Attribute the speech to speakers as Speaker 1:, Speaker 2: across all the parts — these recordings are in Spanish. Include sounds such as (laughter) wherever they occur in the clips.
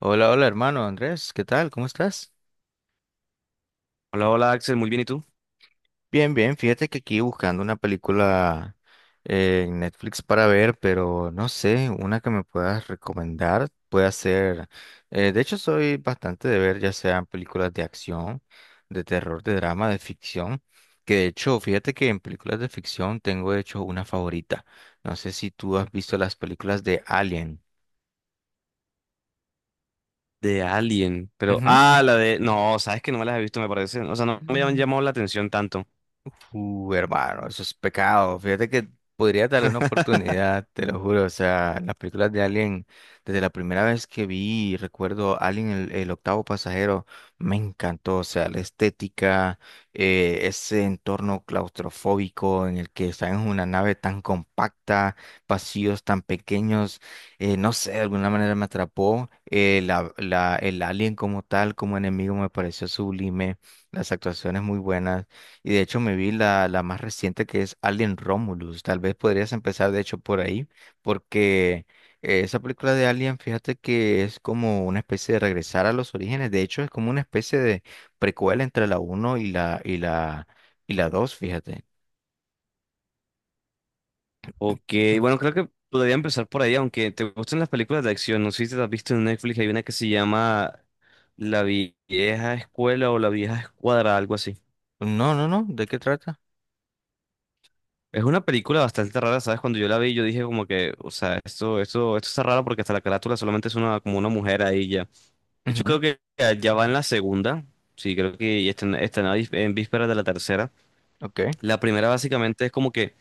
Speaker 1: Hola, hola hermano Andrés, ¿qué tal? ¿Cómo estás?
Speaker 2: Hola, hola Axel, muy bien, ¿y tú?
Speaker 1: Bien, bien, fíjate que aquí buscando una película en Netflix para ver, pero no sé, una que me puedas recomendar, puede ser, de hecho soy bastante de ver ya sean películas de acción, de terror, de drama, de ficción, que de hecho, fíjate que en películas de ficción tengo de hecho una favorita, no sé si tú has visto las películas de Alien.
Speaker 2: De Alien, pero...
Speaker 1: Ujú.
Speaker 2: Ah, la de... No, sabes que no me las he visto, me parece. O sea, no me han
Speaker 1: Mm.
Speaker 2: llamado la atención tanto.
Speaker 1: Hermano, eso es pecado. Fíjate que podría darle una
Speaker 2: (laughs)
Speaker 1: oportunidad, te lo juro. O sea, las películas de Alien, desde la primera vez que vi, recuerdo Alien, el octavo pasajero, me encantó. O sea, la estética, ese entorno claustrofóbico en el que están en una nave tan compacta, pasillos tan pequeños, no sé, de alguna manera me atrapó. El Alien como tal, como enemigo, me pareció sublime. Las actuaciones muy buenas. Y de hecho me vi la más reciente que es Alien Romulus. Tal vez podrías empezar de hecho por ahí, porque esa película de Alien, fíjate que es como una especie de regresar a los orígenes. De hecho es como una especie de precuela entre la uno y la y la dos fíjate.
Speaker 2: Ok,
Speaker 1: Mm.
Speaker 2: bueno, creo que podría empezar por ahí, aunque te gusten las películas de acción. No sé si te las has visto en Netflix, hay una que se llama La Vieja Escuela o La Vieja Escuadra, algo así.
Speaker 1: No, no, no, ¿de qué trata?
Speaker 2: Es una película bastante rara, ¿sabes? Cuando yo la vi, yo dije como que, o sea, esto está raro porque hasta la carátula solamente es una, como una mujer ahí ya. De hecho,
Speaker 1: Ujú.
Speaker 2: creo que ya va en la segunda. Sí, creo que ya está en, está en vísperas de la tercera.
Speaker 1: Ok.
Speaker 2: La primera básicamente es como que,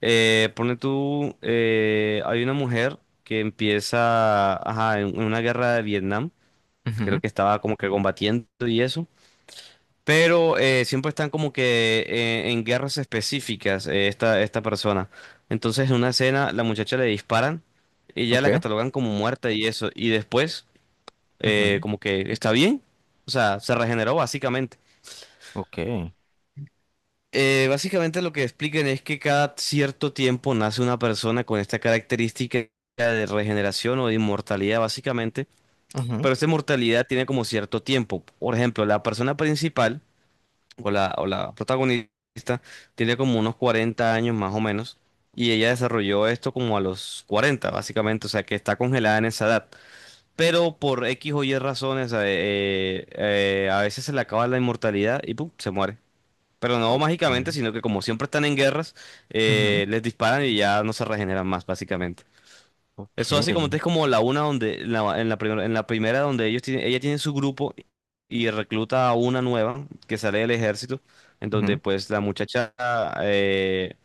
Speaker 2: pone tú, hay una mujer que empieza, ajá, en una guerra de Vietnam. Creo
Speaker 1: Ujú.
Speaker 2: que estaba como que combatiendo y eso. Pero siempre están como que en guerras específicas esta, esta persona. Entonces en una escena la muchacha le disparan y ya la
Speaker 1: Ok.
Speaker 2: catalogan como muerta y eso. Y después
Speaker 1: Ujú.
Speaker 2: como que está bien, o sea, se regeneró básicamente.
Speaker 1: Ok.
Speaker 2: Básicamente lo que explican es que cada cierto tiempo nace una persona con esta característica de regeneración o de inmortalidad básicamente,
Speaker 1: Ujú.
Speaker 2: pero esta inmortalidad tiene como cierto tiempo. Por ejemplo, la persona principal o la protagonista tiene como unos 40 años más o menos y ella desarrolló esto como a los 40 básicamente, o sea que está congelada en esa edad. Pero por X o Y razones, a veces se le acaba la inmortalidad y pum, se muere. Pero no
Speaker 1: Ok.
Speaker 2: mágicamente, sino que como siempre están en guerras,
Speaker 1: Ujú.
Speaker 2: les disparan y ya no se regeneran más, básicamente.
Speaker 1: Ok.
Speaker 2: Eso así como es como la una donde, en la, en la primera donde ellos tienen, ella tiene su grupo y recluta a una nueva que sale del ejército, en donde
Speaker 1: Ujú.
Speaker 2: pues la muchacha, eh,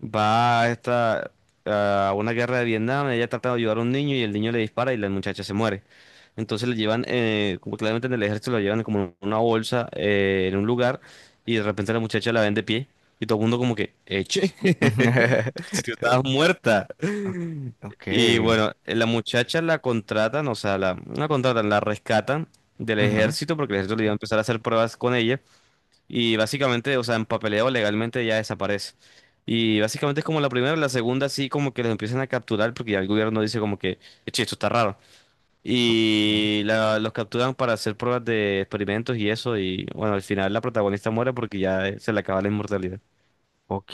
Speaker 2: Va a esta, a una guerra de Vietnam, ella trata de ayudar a un niño y el niño le dispara y la muchacha se muere. Entonces le llevan, como claramente en el ejército, la llevan como en una bolsa en un lugar y de repente la muchacha la ven de pie y todo el mundo como que, eche,
Speaker 1: (laughs)
Speaker 2: (laughs)
Speaker 1: Ujú.
Speaker 2: si tú estabas muerta.
Speaker 1: Ok. Ok.
Speaker 2: Y bueno, la muchacha la contratan, o sea, la, no la contratan, la rescatan del
Speaker 1: Ujú.
Speaker 2: ejército porque el ejército le iba a empezar a hacer pruebas con ella. Y básicamente, o sea, en papeleo legalmente ya desaparece. Y básicamente es como la primera, la segunda sí como que los empiezan a capturar porque ya el gobierno dice como que, "Eche, esto está raro.
Speaker 1: Ok.
Speaker 2: Y los capturan para hacer pruebas de experimentos y eso. Y bueno, al final la protagonista muere porque ya se le acaba la inmortalidad.
Speaker 1: Ok,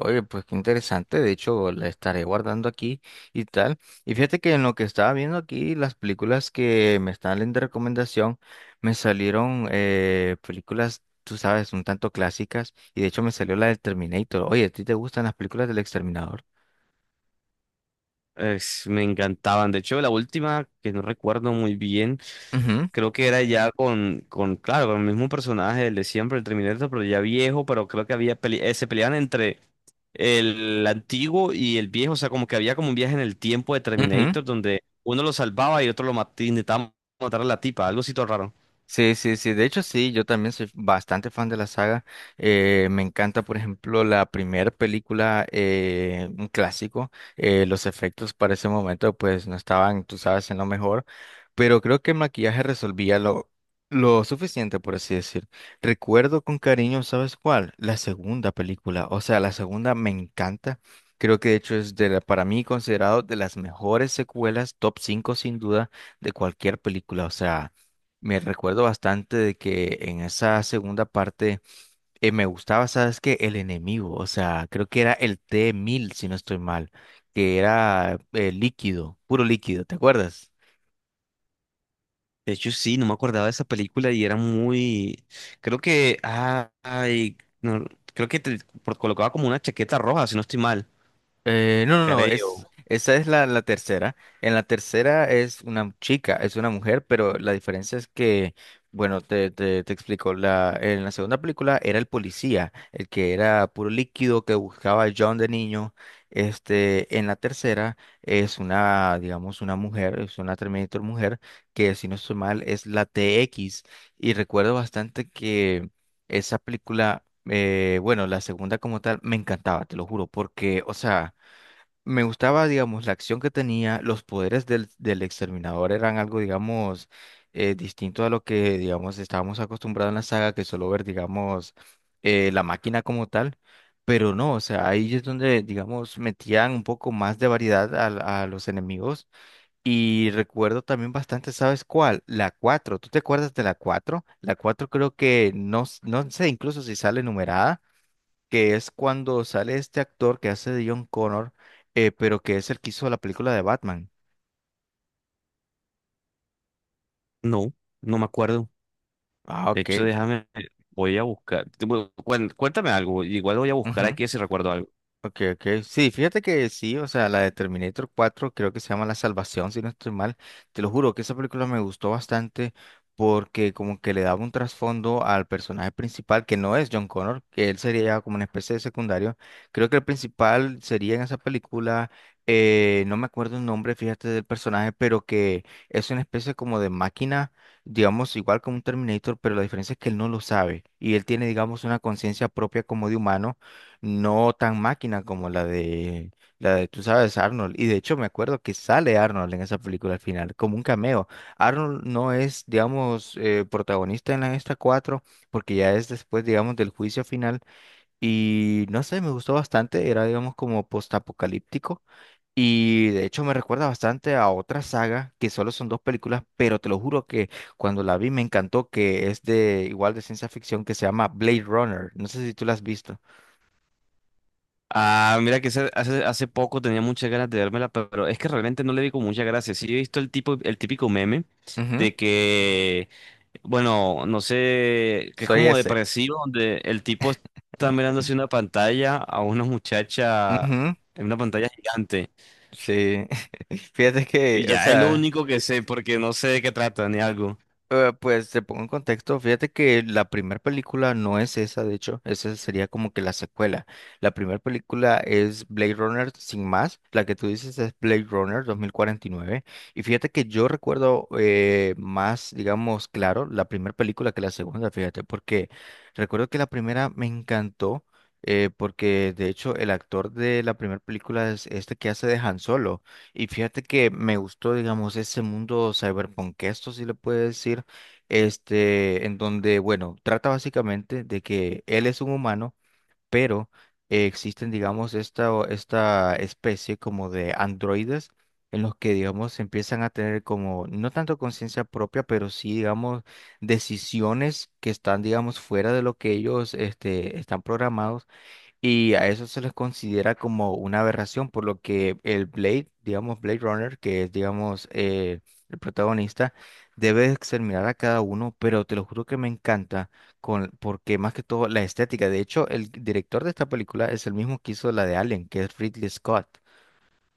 Speaker 1: oye, pues qué interesante. De hecho, la estaré guardando aquí y tal. Y fíjate que en lo que estaba viendo aquí, las películas que me están dando de recomendación, me salieron películas, tú sabes, un tanto clásicas. Y de hecho, me salió la del Terminator. Oye, ¿a ti te gustan las películas del Exterminador?
Speaker 2: Me encantaban. De hecho, la última, que no recuerdo muy bien.
Speaker 1: Ujú.
Speaker 2: Creo que era ya claro, con el mismo personaje, el de siempre, el Terminator, pero ya viejo, pero creo que había se peleaban entre el antiguo y el viejo, o sea, como que había como un viaje en el tiempo de
Speaker 1: Ujú.
Speaker 2: Terminator donde uno lo salvaba y otro lo mataba, intentaba matar a la tipa, algo así todo raro.
Speaker 1: Sí, sí, sí. De hecho, sí, yo también soy bastante fan de la saga. Me encanta, por ejemplo, la primera película, un clásico. Los efectos para ese momento, pues, no estaban, tú sabes, en lo mejor. Pero creo que el maquillaje resolvía lo suficiente, por así decir. Recuerdo con cariño, ¿sabes cuál? La segunda película. O sea, la segunda me encanta. Creo que de hecho es de la- para mí considerado de las mejores secuelas, top 5 sin duda, de cualquier película. O sea. Me recuerdo bastante de que en esa segunda parte me gustaba, ¿sabes qué? El enemigo, o sea, creo que era el t mil si no estoy mal, que era líquido, puro líquido, ¿te acuerdas?
Speaker 2: De hecho, sí, no me acordaba de esa película y era muy, creo que, ah, ay, no, creo que te colocaba como una chaqueta roja, si no estoy mal,
Speaker 1: No, no, no,
Speaker 2: creo,
Speaker 1: es, esa es la tercera. En la tercera es una chica, es una mujer, pero la diferencia es que, bueno, te explico, la, en la segunda película era el policía, el que era puro líquido que buscaba a John de niño. Este, en la tercera es una, digamos, una mujer, es una Terminator mujer, que si no estoy mal es la T X. Y recuerdo bastante que esa película… bueno, la segunda como tal me encantaba, te lo juro, porque, o sea, me gustaba, digamos, la acción que tenía, los poderes del exterminador eran algo, digamos, distinto a lo que, digamos, estábamos acostumbrados en la saga, que solo ver, digamos, la máquina como tal, pero no, o sea, ahí es donde, digamos, metían un poco más de variedad al- a, los enemigos y recuerdo también bastante, ¿sabes cuál? La cuatro, ¿tú te acuerdas de la cuatro? La 4 creo que, no, s- no sé incluso si sale numerada, que es cuando sale este actor que hace de John Connor, pero que es el que hizo la película de Batman.
Speaker 2: no, no me acuerdo.
Speaker 1: Ah,
Speaker 2: De
Speaker 1: ok.
Speaker 2: hecho, déjame, voy a buscar. Bueno, cuéntame algo, igual voy a buscar
Speaker 1: Ujú.
Speaker 2: aquí si recuerdo algo.
Speaker 1: Ok, ok. Sí, fíjate que sí, o sea, la de Terminator 4 creo que se llama La Salvación, si no estoy mal. Te lo juro que esa película me gustó bastante porque como que le daba un trasfondo al personaje principal, que no es John Connor, que él sería ya como una especie de secundario. Creo que el principal sería en esa película, no me acuerdo el nombre, fíjate, del personaje, pero que es una especie como de máquina, digamos, igual como un Terminator, pero la diferencia es que él no lo sabe y él tiene, digamos, una conciencia propia como de humano no tan máquina como la de tú sabes, Arnold. Y de hecho me acuerdo que sale Arnold en esa película al final, como un cameo. Arnold no es, digamos, protagonista en la esta 4 porque ya es después, digamos, del juicio final. Y no sé, me gustó bastante, era, digamos, como postapocalíptico. Y de hecho me recuerda bastante a otra saga que solo son dos películas, pero te lo juro que cuando la vi me encantó, que es de igual de ciencia ficción que se llama Blade Runner. No sé si tú la has visto.
Speaker 2: Ah, mira que hace, hace poco tenía muchas ganas de vérmela, pero es que realmente no le di con mucha gracia. Sí he visto el tipo, el típico meme de que, bueno, no sé, que es
Speaker 1: Soy
Speaker 2: como
Speaker 1: ese.
Speaker 2: depresivo, donde el tipo está mirando hacia una pantalla a una muchacha
Speaker 1: Ujú.
Speaker 2: en una pantalla gigante.
Speaker 1: Sí. (laughs) Fíjate que,
Speaker 2: Y
Speaker 1: o
Speaker 2: ya es lo
Speaker 1: sea.
Speaker 2: único que sé, porque no sé de qué trata ni algo.
Speaker 1: Pues te pongo en contexto, fíjate que la primera película no es esa, de hecho, esa sería como que la secuela. La primera película es Blade Runner sin más, la que tú dices es Blade Runner 2049. Y nueve. Y fíjate que yo recuerdo más, digamos, claro, la primera película que la segunda, fíjate, porque recuerdo que la primera me encantó, porque de hecho el actor de la primera película es este que hace de Han Solo. Y fíjate que me gustó, digamos, ese mundo cyberpunk, esto sí le puede decir, este, en donde, bueno, trata básicamente de que él es un humano, pero existen, digamos, esta, o- esta especie como de androides en los que, digamos, empiezan a tener como, no tanto conciencia propia, pero sí, digamos, decisiones que están, digamos, fuera de lo que ellos, este, están programados y a eso se les considera como una aberración, por lo que el Blade, digamos Blade Runner, que es, digamos, el protagonista, debe exterminar a cada uno, pero te lo juro que me encanta, con, porque más que todo la estética, de hecho, el director de esta película es el mismo que hizo la de Alien, que es Ridley Scott,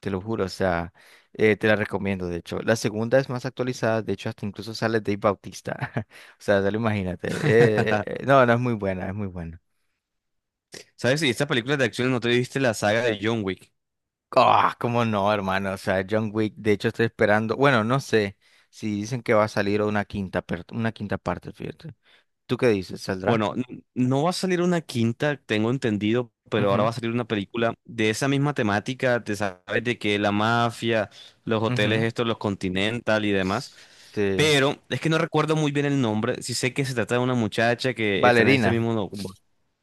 Speaker 1: te lo juro, o sea, te la recomiendo, de hecho. La segunda es más actualizada, de hecho, hasta incluso sale Dave Bautista, (laughs) o sea, te lo imagínate.
Speaker 2: (laughs)
Speaker 1: No, no es muy buena, es muy buena.
Speaker 2: ¿Sabes? Y esta película de acción, ¿no te viste la saga de John Wick?
Speaker 1: Ah, cómo no, hermano. O sea, John Wick, de hecho estoy esperando. Bueno, no sé si dicen que va a salir una quinta, per- una quinta parte, fíjate. ¿Tú qué dices? ¿Saldrá?
Speaker 2: Bueno, no va a salir una quinta, tengo entendido, pero ahora
Speaker 1: Ujú.
Speaker 2: va a salir una película de esa misma temática, te sabes de que la mafia, los hoteles
Speaker 1: Ujú.
Speaker 2: estos, los Continental y demás,
Speaker 1: S- Sí.
Speaker 2: pero es que no recuerdo muy bien el nombre, sí sé que se trata de una muchacha que está en este
Speaker 1: Valerina.
Speaker 2: mismo, no,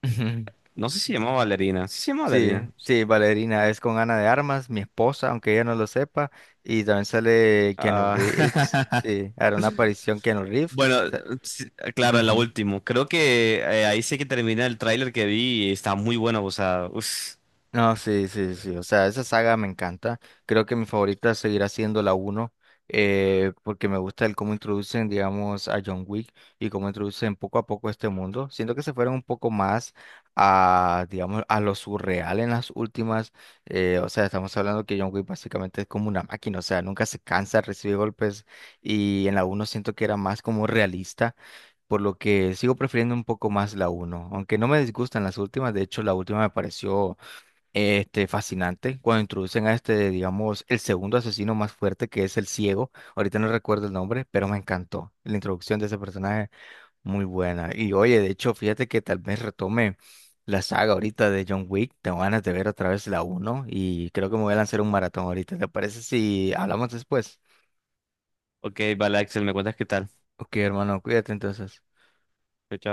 Speaker 1: Ujú. (laughs)
Speaker 2: no sé si se llama Valerina, sí se llama
Speaker 1: Sí,
Speaker 2: Valerina.
Speaker 1: sí, Valerina es con Ana de Armas, mi esposa, aunque ella no lo sepa. Y también sale Keanu Reeves.
Speaker 2: Ah, (laughs)
Speaker 1: Sí, hará una aparición Keanu Reeves.
Speaker 2: Bueno, sí, claro, en la última. Creo que ahí sí que termina el tráiler que vi y está muy bueno, o sea, uf.
Speaker 1: No, sí, sí, sí. O sea, esa saga me encanta. Creo que mi favorita seguirá siendo la uno, porque me gusta el cómo introducen, digamos, a John Wick y cómo introducen poco a poco este mundo. Siento que se fueron un poco más a, digamos, a lo surreal en las últimas. O sea, estamos hablando que John Wick básicamente es como una máquina, o sea, nunca se cansa, recibe golpes y en la uno siento que era más como realista. Por lo que sigo prefiriendo un poco más la uno, aunque no me disgustan las últimas, de hecho la última me pareció este, fascinante, cuando introducen a este, digamos, el segundo asesino más fuerte, que es el ciego. Ahorita no recuerdo el nombre, pero me encantó. La introducción de ese personaje, muy buena. Y oye, de hecho, fíjate que tal vez retome la saga ahorita de John Wick. Tengo ganas de ver otra vez la uno y creo que me voy a lanzar un maratón ahorita. ¿Te parece si hablamos después?
Speaker 2: Ok, vale, Axel, ¿me cuentas qué tal?
Speaker 1: Ok, hermano, cuídate entonces.
Speaker 2: Chao. Chao.